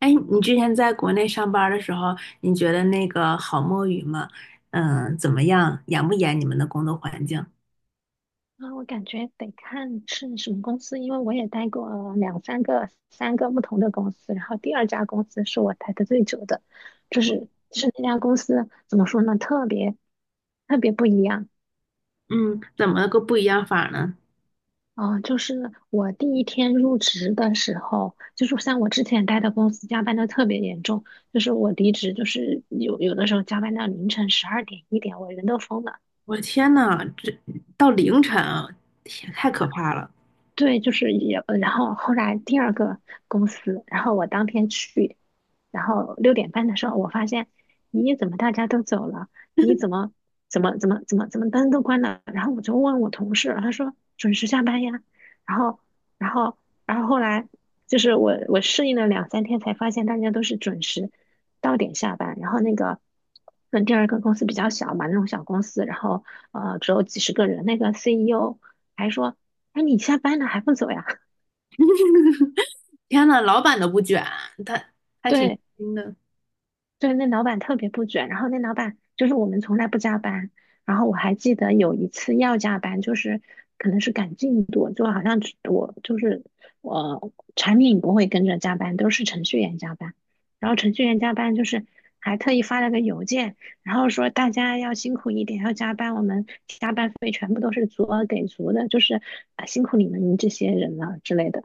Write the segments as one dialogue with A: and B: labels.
A: 哎，你之前在国内上班儿的时候，你觉得那个好摸鱼吗？嗯，怎么样？严不严？你们的工作环境？
B: 我感觉得看是什么公司，因为我也待过两三个、三个不同的公司，然后第二家公司是我待的最久的，就是那家公司怎么说呢，特别不一样
A: 嗯，怎么个不一样法呢？
B: 啊。就是我第一天入职的时候，就是像我之前待的公司加班的特别严重，就是我离职就是有的时候加班到凌晨12点1点，我人都疯了。
A: 我的天呐，这到凌晨啊，天，太可怕了！
B: 对，就是也，然后后来第二个公司，然后我当天去，然后6点半的时候，我发现，咦，怎么大家都走了？你怎么怎么灯都关了？然后我就问我同事，他说准时下班呀。然后，然后，然后后来就是我适应了2、3天，才发现大家都是准时到点下班。然后那个，嗯，第二个公司比较小嘛，那种小公司，然后只有几十个人，那个 CEO 还说。哎，你下班了还不走呀？
A: 天呐，老板都不卷，他。还挺
B: 对
A: 轻的。
B: 对，那老板特别不准。然后那老板就是我们从来不加班。然后我还记得有一次要加班，就是可能是赶进度，就好像只我就是我产品不会跟着加班，都是程序员加班。然后程序员加班就是还特意发了个邮件，然后说大家要辛苦一点，要加班，我们加班费全部都是足额给足的，就是辛苦你们这些人了之类的。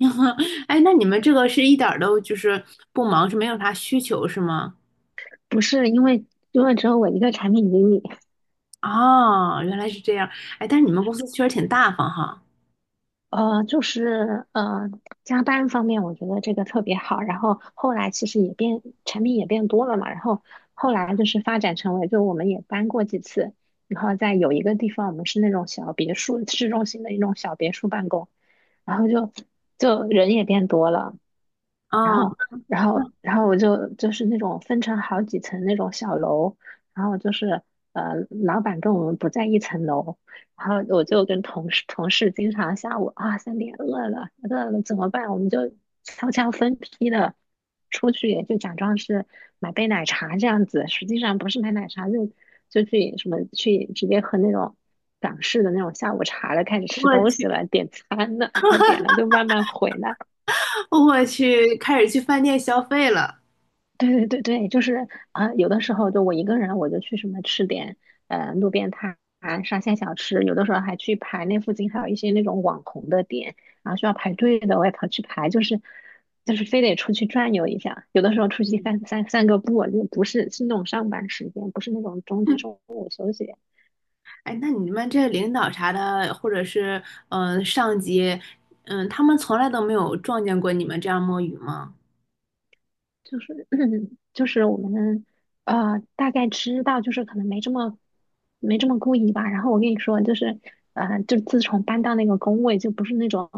A: 哎，那你们这个是一点儿都就是不忙，是没有啥需求是吗？
B: 不是因为因为只有我一个产品经理。
A: 哦，原来是这样。哎，但是你们公司确实挺大方哈。
B: 就是加班方面，我觉得这个特别好。然后后来其实也变，产品也变多了嘛。然后后来就是发展成为，就我们也搬过几次。然后在有一个地方，我们是那种小别墅，市中心的一种小别墅办公。然后就人也变多了。然
A: 哦，
B: 后，然后，然后我就就是那种分成好几层那种小楼，然后就是老板跟我们不在一层楼，然后我就跟同事经常下午啊3点饿了怎么办？我们就悄悄分批的出去，就假装是买杯奶茶这样子，实际上不是买奶茶，就就去什么去直接喝那种港式的那种下午茶了，开始吃
A: 我
B: 东西
A: 去，
B: 了，点餐了，然后点了就慢慢回来。
A: 我去，开始去饭店消费了。
B: 对对对对，就是啊、有的时候就我一个人，我就去什么吃点路边摊、沙县小吃，有的时候还去排那附近还有一些那种网红的店，然后需要排队的，我也跑去排，就是就是非得出去转悠一下。有的时候出去
A: 嗯
B: 散个步，就不是是那种上班时间，不是那种中 中午休息，
A: 哎，那你们这领导啥的，或者是嗯、上级，嗯、他们从来都没有撞见过你们这样摸鱼吗？
B: 就是 就是我们大概知道，就是可能没这么故意吧。然后我跟你说，就是就自从搬到那个工位，就不是那种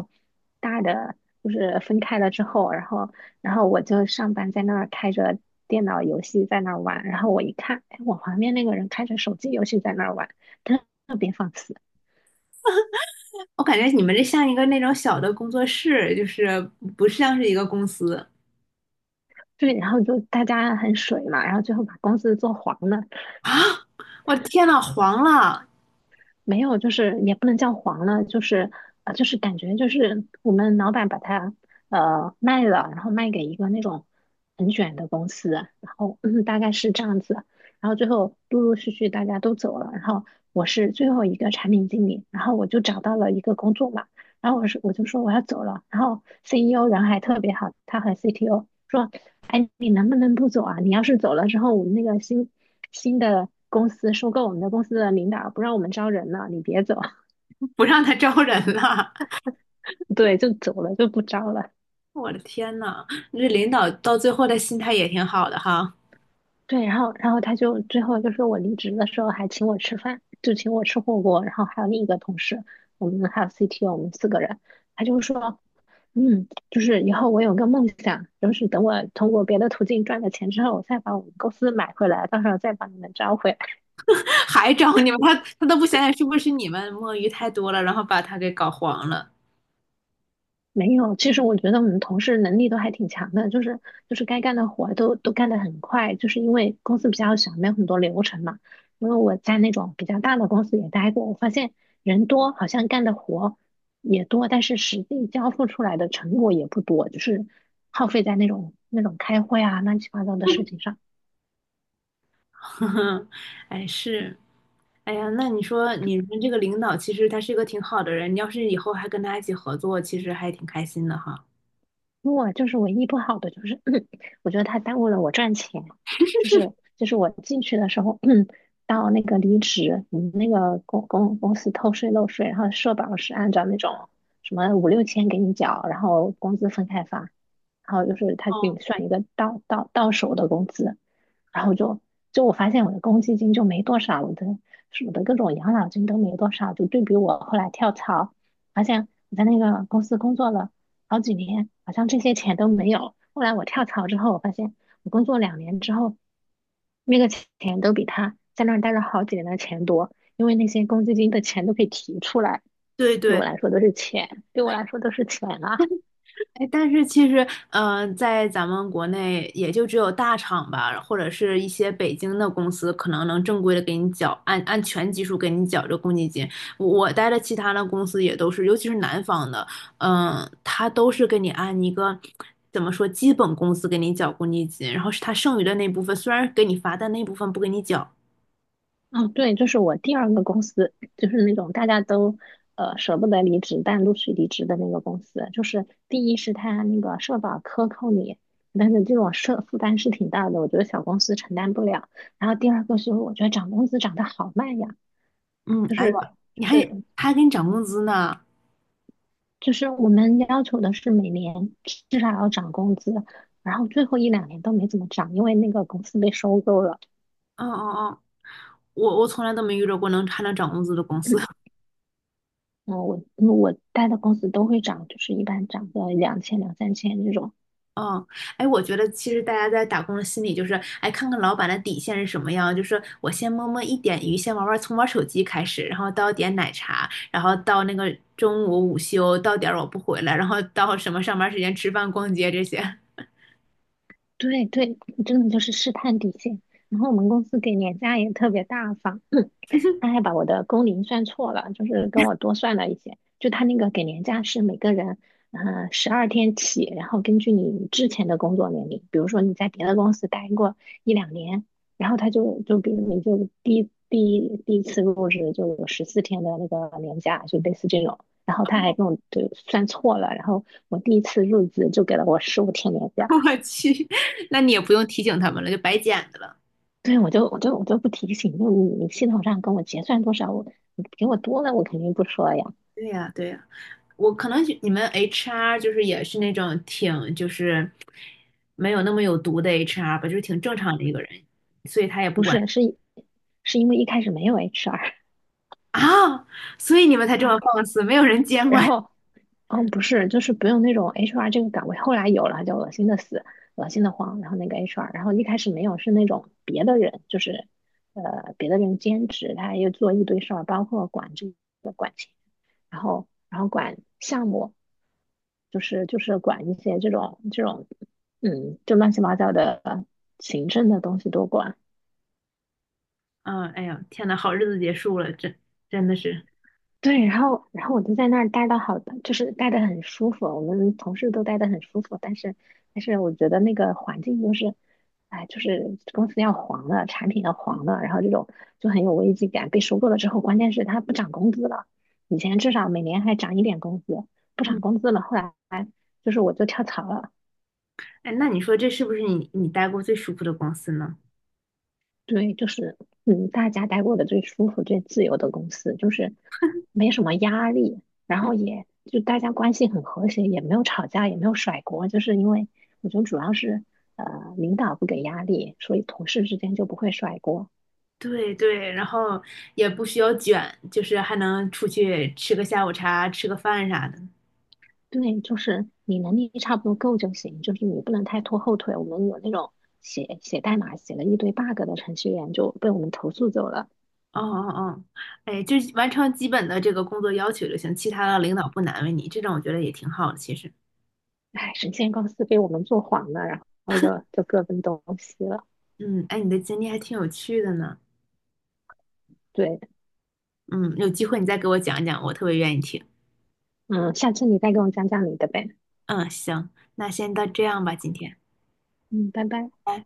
B: 大的，就是分开了之后，然后然后我就上班在那儿开着电脑游戏在那儿玩，然后我一看，哎，我旁边那个人开着手机游戏在那儿玩，特特别放肆。
A: 我感觉你们这像一个那种小的工作室，就是不像是一个公司
B: 对，然后就大家很水嘛，然后最后把公司做黄了。
A: 啊！我的天呐，黄了，
B: 没有，就是也不能叫黄了，就是就是感觉就是我们老板把它卖了，然后卖给一个那种很卷的公司，然后嗯大概是这样子，然后最后陆陆续续大家都走了，然后我是最后一个产品经理，然后我就找到了一个工作嘛，然后我就说我要走了，然后 CEO 人还特别好，他和 CTO 说，哎，你能不能不走啊？你要是走了之后，我们那个新的公司收购我们的公司的领导不让我们招人了，你别走。
A: 不让他招人了。
B: 对，就走了，就不招了。
A: 我的天呐，这领导到最后的心态也挺好的哈，
B: 对，然后然后他就最后就说我离职的时候还请我吃饭，就请我吃火锅，然后还有另一个同事，我们还有 CTO，我们4个人，他就说嗯，就是以后我有个梦想，就是等我通过别的途径赚了钱之后，我再把我们公司买回来，到时候再把你们招回来。
A: 还招你们，他都不想想是不是你们摸鱼太多了，然后把他给搞黄了。
B: 没有，其实我觉得我们同事能力都还挺强的，就是就是该干的活儿都干得很快，就是因为公司比较小，没有很多流程嘛。因为我在那种比较大的公司也待过，我发现人多，好像干的活也多，但是实际交付出来的成果也不多，就是耗费在那种开会啊、乱七八糟的事情上。
A: 呵呵，哎，是，哎呀，那你说你们这个领导其实他是一个挺好的人，你要是以后还跟他一起合作，其实还挺开心的哈。
B: 我就是唯一不好的就是，我觉得他耽误了我赚钱。就是 就是我进去的时候，到那个离职，我们那个公司偷税漏税，然后社保是按照那种什么5、6千给你缴，然后工资分开发，然后就是他给你
A: 哦，
B: 算一个到手的工资，然后就就我发现我的公积金就没多少，我的各种养老金都没多少，就对比我后来跳槽，发现我在那个公司工作了好几年，好像这些钱都没有。后来我跳槽之后，我发现我工作两年之后，那个钱都比他在那儿待了好几年的钱多，因为那些公积金的钱都可以提出来，
A: 对
B: 对我
A: 对，
B: 来说都是钱，对我来说都是钱啊。
A: 哎，但是其实，嗯、在咱们国内也就只有大厂吧，或者是一些北京的公司，可能能正规的给你缴，按全基数给你缴这个公积金。我待的其他的公司也都是，尤其是南方的，嗯、他都是给你按一个怎么说基本工资给你缴公积金，然后是他剩余的那部分，虽然给你发，但那部分不给你缴。
B: 哦，对，就是我第二个公司，就是那种大家都舍不得离职，但陆续离职的那个公司。就是第一是他那个社保克扣你，但是这种社负担是挺大的，我觉得小公司承担不了。然后第二个是我觉得涨工资涨得好慢呀，
A: 嗯，
B: 就
A: 哎呀，
B: 是就
A: 你还
B: 是
A: 他还给你涨工资呢。
B: 就是我们要求的是每年至少要涨工资，然后最后一两年都没怎么涨，因为那个公司被收购了。
A: 嗯嗯嗯，我从来都没遇到过能还能涨工资的公司。
B: 嗯，我待的公司都会涨，就是一般涨个2000、2、3千这种。
A: 哦，哎，我觉得其实大家在打工的心理就是，哎，看看老板的底线是什么样，就是我先摸摸一点鱼，先玩玩，从玩手机开始，然后到点奶茶，然后到那个中午午休，到点儿我不回来，然后到什么上班时间吃饭、逛街这些。
B: 对对，真的就是试探底线。然后我们公司给年假也特别大方，他还把我的工龄算错了，就是跟我多算了一些。就他那个给年假是每个人，嗯、12天起，然后根据你之前的工作年龄，比如说你在别的公司待过一两年，然后他就就比如你就第一次入职就有14天的那个年假，就类似这种。然后他还跟我就算错了，然后我第一次入职就给了我15天年 假。
A: 我去，那你也不用提醒他们了，就白捡的了。
B: 对，我就不提醒，就你系统上跟我结算多少，我你给我多了，我肯定不说呀。
A: 对呀，对呀，我可能你们 HR 就是也是那种挺就是没有那么有毒的 HR 吧，就是挺正常的一个人，所以他也不
B: 不
A: 管。
B: 是，是因为一开始没有 HR，
A: 啊，所以你们才这么 放肆，没有人监
B: 然
A: 管。
B: 后嗯，不是，就是不用那种 HR 这个岗位，后来有了就恶心的死，恶心的慌，然后那个 HR，然后一开始没有是那种别的人，就是别的人兼职，他又做一堆事儿，包括管这，然后然后管项目，就是管一些这种就乱七八糟的行政的东西都管。
A: 嗯，哎呀，天呐，好日子结束了，真真的是。
B: 对，然后然后我就在那儿待的好的，就是待的很舒服，我们同事都待的很舒服，但是但是我觉得那个环境就是，哎，就是公司要黄了，产品要黄了，然后这种就很有危机感。被收购了之后，关键是它不涨工资了，以前至少每年还涨一点工资，不
A: 嗯
B: 涨工资了，后来就是我就跳槽了。
A: 哎，那你说这是不是你待过最舒服的公司呢？
B: 对，就是嗯，大家待过的最舒服、最自由的公司，就是没什么压力，然
A: 嗯，
B: 后也就大家关系很和谐，也没有吵架，也没有甩锅，就是因为我觉得主要是呃领导不给压力，所以同事之间就不会甩锅。
A: 对对，然后也不需要卷，就是还能出去吃个下午茶、吃个饭啥的。
B: 对，就是你能力差不多够就行，就是你不能太拖后腿。我们有那种写代码写了一堆 bug 的程序员就被我们投诉走了。
A: 哦哦哦，哎，就是完成基本的这个工作要求就行，其他的领导不难为你，这种我觉得也挺好的。其实，
B: 哎，神仙公司被我们做黄了，然后就就各奔东西了。
A: 嗯，哎，你的经历还挺有趣的呢。
B: 对。
A: 嗯，有机会你再给我讲一讲，我特别愿意听。
B: 嗯，下次你再跟我讲讲你的呗。
A: 嗯，行，那先到这样吧，今天。
B: 嗯，拜拜。
A: 拜拜。